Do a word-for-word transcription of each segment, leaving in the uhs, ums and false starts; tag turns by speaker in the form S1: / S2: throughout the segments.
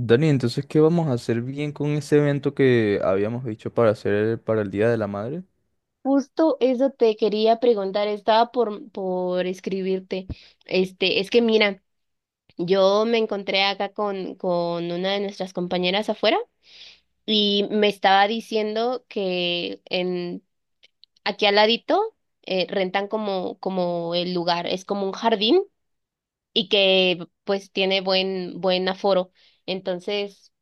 S1: Dani, entonces, ¿qué vamos a hacer bien con ese evento que habíamos dicho para hacer para el Día de la Madre?
S2: Justo eso te quería preguntar, estaba por, por escribirte. Este, es que mira, yo me encontré acá con, con una de nuestras compañeras afuera y me estaba diciendo que en aquí al ladito eh, rentan como, como el lugar, es como un jardín y que pues tiene buen, buen aforo. Entonces,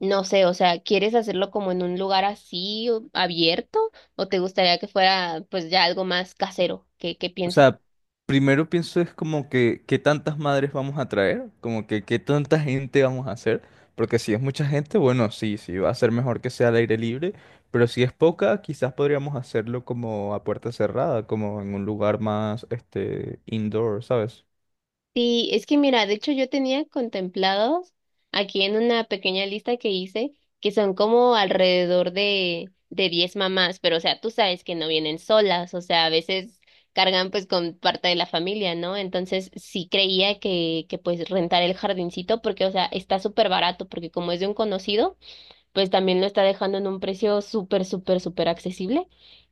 S2: no sé, o sea, ¿quieres hacerlo como en un lugar así o- abierto o te gustaría que fuera pues ya algo más casero? ¿Qué, qué
S1: O
S2: piensas?
S1: sea, primero pienso es como que qué tantas madres vamos a traer, como que qué tanta gente vamos a hacer, porque si es mucha gente, bueno, sí, sí, va a ser mejor que sea al aire libre, pero si es poca, quizás podríamos hacerlo como a puerta cerrada, como en un lugar más, este, indoor, ¿sabes?
S2: Sí, es que mira, de hecho yo tenía contemplados aquí en una pequeña lista que hice que son como alrededor de de diez mamás, pero o sea, tú sabes que no vienen solas, o sea, a veces cargan pues con parte de la familia, ¿no? Entonces sí creía que que pues rentar el jardincito porque o sea, está súper barato porque como es de un conocido pues también lo está dejando en un precio súper, súper, súper accesible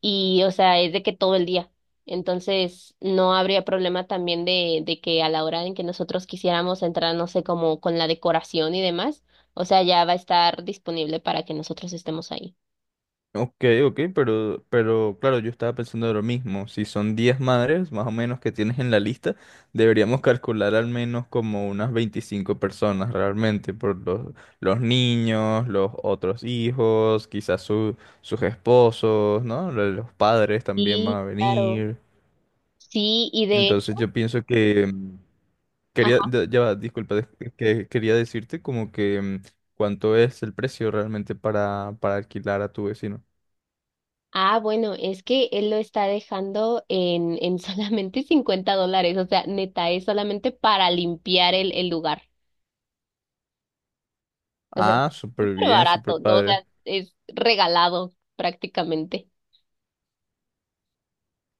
S2: y, o sea, es de que todo el día. Entonces, no habría problema también de, de que a la hora en que nosotros quisiéramos entrar, no sé, como con la decoración y demás, o sea, ya va a estar disponible para que nosotros estemos ahí.
S1: Ok, ok, pero, pero claro, yo estaba pensando de lo mismo. Si son diez madres, más o menos, que tienes en la lista, deberíamos calcular al menos como unas veinticinco personas realmente, por los, los niños, los otros hijos, quizás su- sus esposos, ¿no? Lo- Los padres también van
S2: Sí,
S1: a
S2: claro.
S1: venir.
S2: Sí, y de hecho,
S1: Entonces yo pienso que... mm, Quería,
S2: ajá.
S1: de- ya va, disculpa, des- que quería decirte como que mm, cuánto es el precio realmente para, para alquilar a tu vecino.
S2: Ah, bueno, es que él lo está dejando en, en solamente cincuenta dólares, o sea, neta, es solamente para limpiar el, el lugar. O sea,
S1: Ah,
S2: está
S1: súper
S2: súper
S1: bien, súper
S2: barato, ¿no? O
S1: padre.
S2: sea, es regalado prácticamente.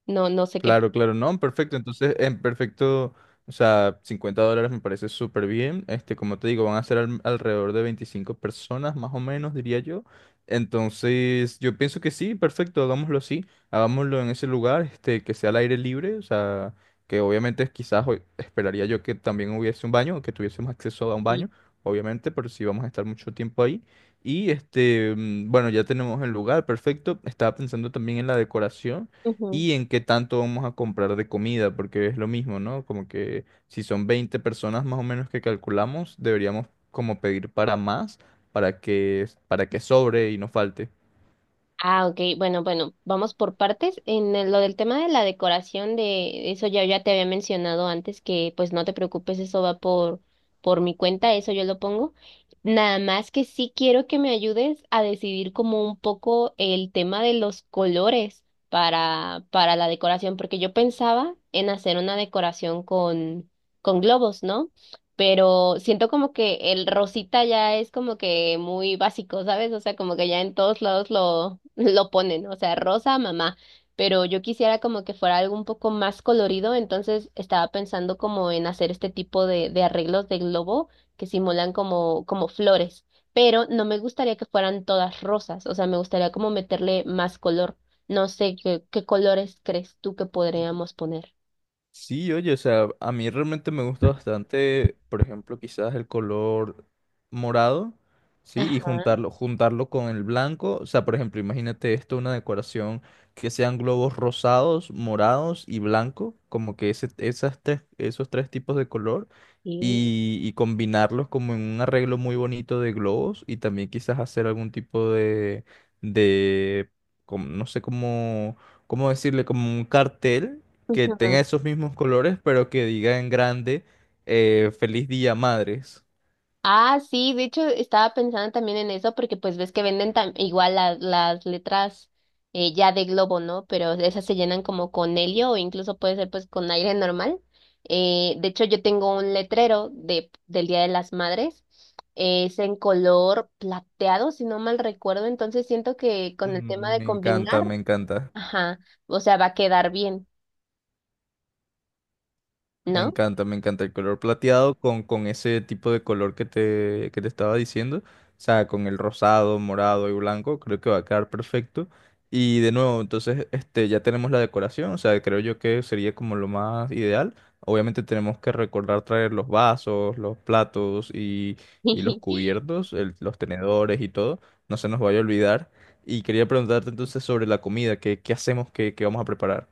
S2: No, no sé qué.
S1: Claro, claro, no, perfecto. Entonces, en perfecto, o sea, cincuenta dólares me parece súper bien. Este, como te digo, van a ser al- alrededor de veinticinco personas, más o menos, diría yo. Entonces, yo pienso que sí, perfecto, hagámoslo así. Hagámoslo en ese lugar, este, que sea al aire libre, o sea, que obviamente quizás hoy esperaría yo que también hubiese un baño, que tuviésemos acceso a un
S2: Sí.
S1: baño, obviamente, pero sí vamos a estar mucho tiempo ahí. Y este, mm, bueno, ya tenemos el lugar, perfecto. Estaba pensando también en la decoración
S2: Ujú.
S1: y en qué tanto vamos a comprar de comida, porque es lo mismo, ¿no? Como que si son veinte personas más o menos que calculamos, deberíamos como pedir para más, para que, para que sobre y no falte.
S2: Ah, ok, bueno, bueno, vamos por partes. En el- lo del tema de la decoración de eso ya, ya te había mencionado antes que pues no te preocupes, eso va por, por mi cuenta, eso yo lo pongo. Nada más que sí quiero que me ayudes a decidir como un poco el tema de los colores para, para la decoración, porque yo pensaba en hacer una decoración con, con globos, ¿no? Pero siento como que el rosita ya es como que muy básico, ¿sabes? O sea, como que ya en todos lados lo, lo ponen, o sea, rosa, mamá, pero yo quisiera como que fuera algo un poco más colorido, entonces estaba pensando como en hacer este tipo de, de arreglos de globo que simulan como, como flores, pero no me gustaría que fueran todas rosas, o sea, me gustaría como meterle más color. No sé qué, qué colores crees tú que podríamos poner.
S1: Sí, oye, o sea, a mí realmente me gusta bastante, por ejemplo, quizás el color morado, ¿sí? Y
S2: Ajá,
S1: juntarlo, juntarlo con el blanco. O sea, por ejemplo, imagínate esto, una decoración que sean globos rosados, morados y blanco, como que ese, esas tres, esos tres tipos de color,
S2: sí.
S1: y, y combinarlos como en un arreglo muy bonito de globos y también quizás hacer algún tipo de, de, como- no sé cómo, cómo decirle, como un cartel que tenga esos mismos colores, pero que diga en grande, eh, feliz día, madres.
S2: Ah, sí, de hecho estaba pensando también en eso porque pues ves que venden tam- igual las, las letras eh, ya de globo, ¿no? Pero esas se llenan como con helio o incluso puede ser pues con aire normal. Eh, de hecho yo tengo un letrero de, del Día de las Madres, eh, es en color plateado, si no mal recuerdo, entonces siento que con el tema
S1: Mm,
S2: de
S1: me encanta,
S2: combinar,
S1: me encanta.
S2: ajá, o sea, va a quedar bien,
S1: Me
S2: ¿no?
S1: encanta, me encanta el color plateado con, con ese tipo de color que te, que te estaba diciendo. O sea, con el rosado, morado y blanco, creo que va a quedar perfecto. Y de nuevo, entonces, este, ya tenemos la decoración, o sea, creo yo que sería como lo más ideal. Obviamente tenemos que recordar traer los vasos, los platos y, y los cubiertos, el- los tenedores y todo. No se nos vaya a olvidar. Y quería preguntarte entonces sobre la comida, ¿qué, qué hacemos, qué, qué vamos a preparar?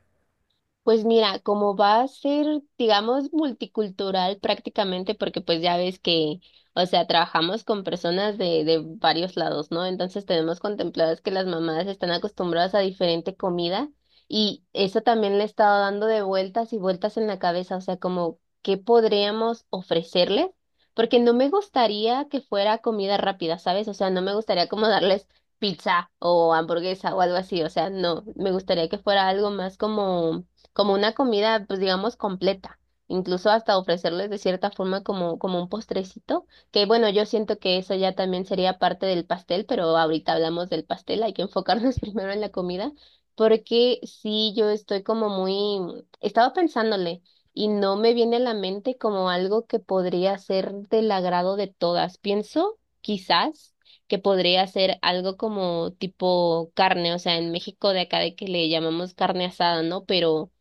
S2: Pues mira, como va a ser, digamos, multicultural prácticamente, porque pues ya ves que, o sea, trabajamos con personas de, de varios lados, ¿no? Entonces tenemos contempladas que las mamás están acostumbradas a diferente comida y eso también le he estado dando de vueltas y vueltas en la cabeza, o sea, como, ¿qué podríamos ofrecerles? Porque no me gustaría que fuera comida rápida, ¿sabes? O sea, no me gustaría como darles pizza o hamburguesa o algo así, o sea, no, me gustaría que fuera algo más como como una comida, pues digamos, completa, incluso hasta ofrecerles de cierta forma como, como un postrecito, que bueno, yo siento que eso ya también sería parte del pastel, pero ahorita hablamos del pastel, hay que enfocarnos primero en la comida, porque sí, yo estoy como muy, estaba pensándole. Y no me viene a la mente como algo que podría ser del agrado de todas. Pienso, quizás, que podría ser algo como tipo carne, o sea, en México de acá de que le llamamos carne asada, ¿no? Pero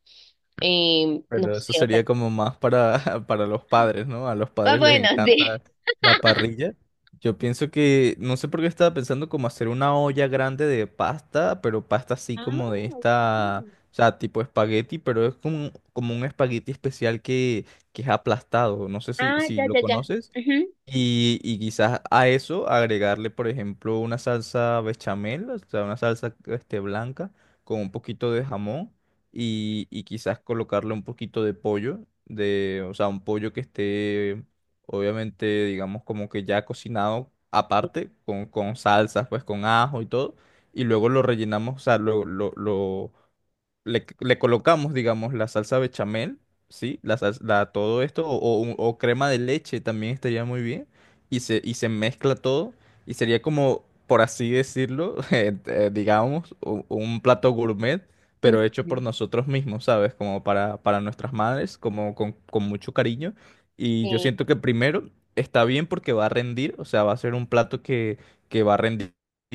S2: eh, no
S1: Pero eso
S2: sé, o sea,
S1: sería como más para, para los padres, ¿no? A los
S2: ah,
S1: padres les
S2: bueno, sí.
S1: encanta la parrilla. Yo pienso que, no sé por qué estaba pensando como hacer una olla grande de pasta, pero pasta así
S2: Ah,
S1: como de
S2: ok.
S1: esta, o sea, tipo espagueti, pero es como, como un espagueti especial que, que es aplastado. No sé si,
S2: Ah,
S1: si
S2: ya,
S1: lo
S2: ya, ya.
S1: conoces. Y, y quizás a eso agregarle, por ejemplo, una salsa bechamel, o sea, una salsa este, blanca con un poquito de jamón y, y quizás colocarle un poquito de pollo, de, o sea, un pollo que esté, obviamente, digamos, como que ya cocinado aparte, con, con salsas, pues con ajo y todo, y luego lo rellenamos, o sea, lo, lo, lo, le, le colocamos, digamos, la salsa bechamel, ¿sí? La, sals- la- todo esto, o, o un- o crema de leche también estaría muy bien, y se, y se mezcla todo, y sería como, por así decirlo, eh, eh, digamos, u- un, plato gourmet,
S2: Ujú.
S1: pero hecho por
S2: Ujú.
S1: nosotros mismos, ¿sabes? Como para, para nuestras madres, como con, con mucho cariño, y yo
S2: Sí.
S1: siento que primero está bien porque va a rendir, o sea, va a ser un plato que, que va a rendir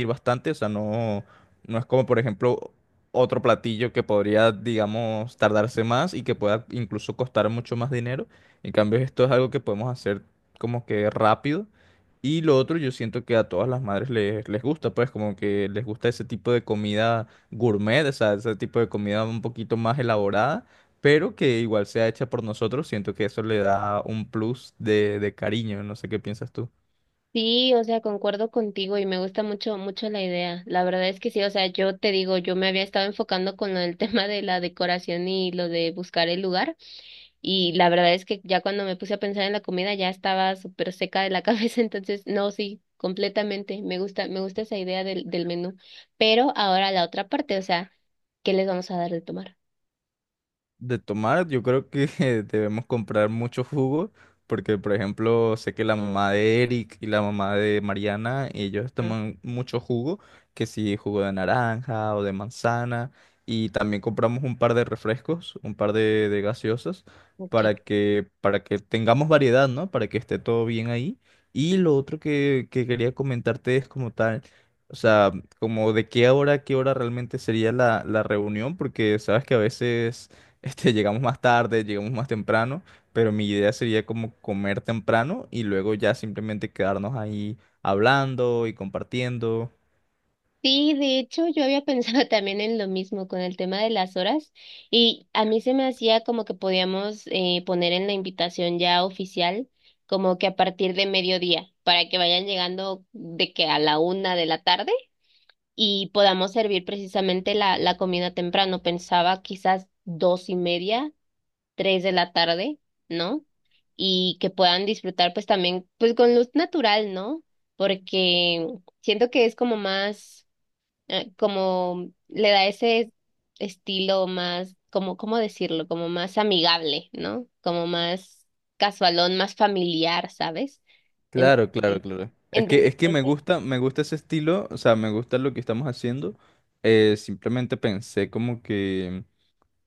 S1: bastante, o sea, no... No es como, por ejemplo, otro platillo que podría, digamos, tardarse más y que pueda incluso costar mucho más dinero. En cambio, esto es algo que podemos hacer como que rápido. Y lo otro, yo siento que a todas las madres les, les gusta, pues como que les gusta ese tipo de comida gourmet, o sea, ese tipo de comida un poquito más elaborada, pero que igual sea hecha por nosotros. Siento que eso le da un plus de, de cariño, no sé qué piensas tú.
S2: Sí, o sea, concuerdo contigo y me gusta mucho, mucho la idea. La verdad es que sí, o sea, yo te digo, yo me había estado enfocando con lo del tema de la decoración y lo de buscar el lugar y la verdad es que ya cuando me puse a pensar en la comida ya estaba súper seca de la cabeza, entonces no, sí, completamente. Me gusta, me gusta esa idea del, del menú. Pero ahora la otra parte, o sea, ¿qué les vamos a dar de tomar?
S1: De tomar, yo creo que debemos comprar mucho jugo, porque por ejemplo, sé que la mamá de Eric y la mamá de Mariana, ellos
S2: Mm,
S1: toman mucho jugo, que si jugo de naranja o de manzana, y también compramos un par de refrescos, un par de, de gaseosas,
S2: okay.
S1: para que, para que tengamos variedad, ¿no? Para que esté todo bien ahí. Y lo otro que, que quería comentarte es como tal. O sea, como de qué hora, a qué hora realmente sería la, la reunión, porque sabes que a veces este, llegamos más tarde, llegamos más temprano, pero mi idea sería como comer temprano y luego ya simplemente quedarnos ahí hablando y compartiendo.
S2: Sí, de hecho yo había pensado también en lo mismo con el tema de las horas y a mí se me hacía como que podíamos eh, poner en la invitación ya oficial como que a partir de mediodía para que vayan llegando de que a la una de la tarde y podamos servir precisamente la, la comida temprano. Pensaba quizás dos y media, tres de la tarde, ¿no? Y que puedan disfrutar pues también pues con luz natural, ¿no? Porque siento que es como más eh, como le da ese estilo más, como, ¿cómo decirlo? Como más amigable, ¿no? Como más casualón, más familiar, ¿sabes?
S1: Claro, claro,
S2: Entonces,
S1: claro. Es que,
S2: entonces,
S1: es que me
S2: ok.
S1: gusta, me gusta ese estilo, o sea, me gusta lo que estamos haciendo. Eh, simplemente pensé como que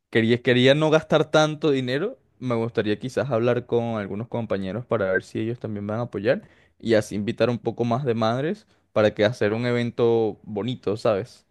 S1: quería, quería no gastar tanto dinero. Me gustaría quizás hablar con algunos compañeros para ver si ellos también van a apoyar y así invitar un poco más de madres para que hacer un evento bonito, ¿sabes?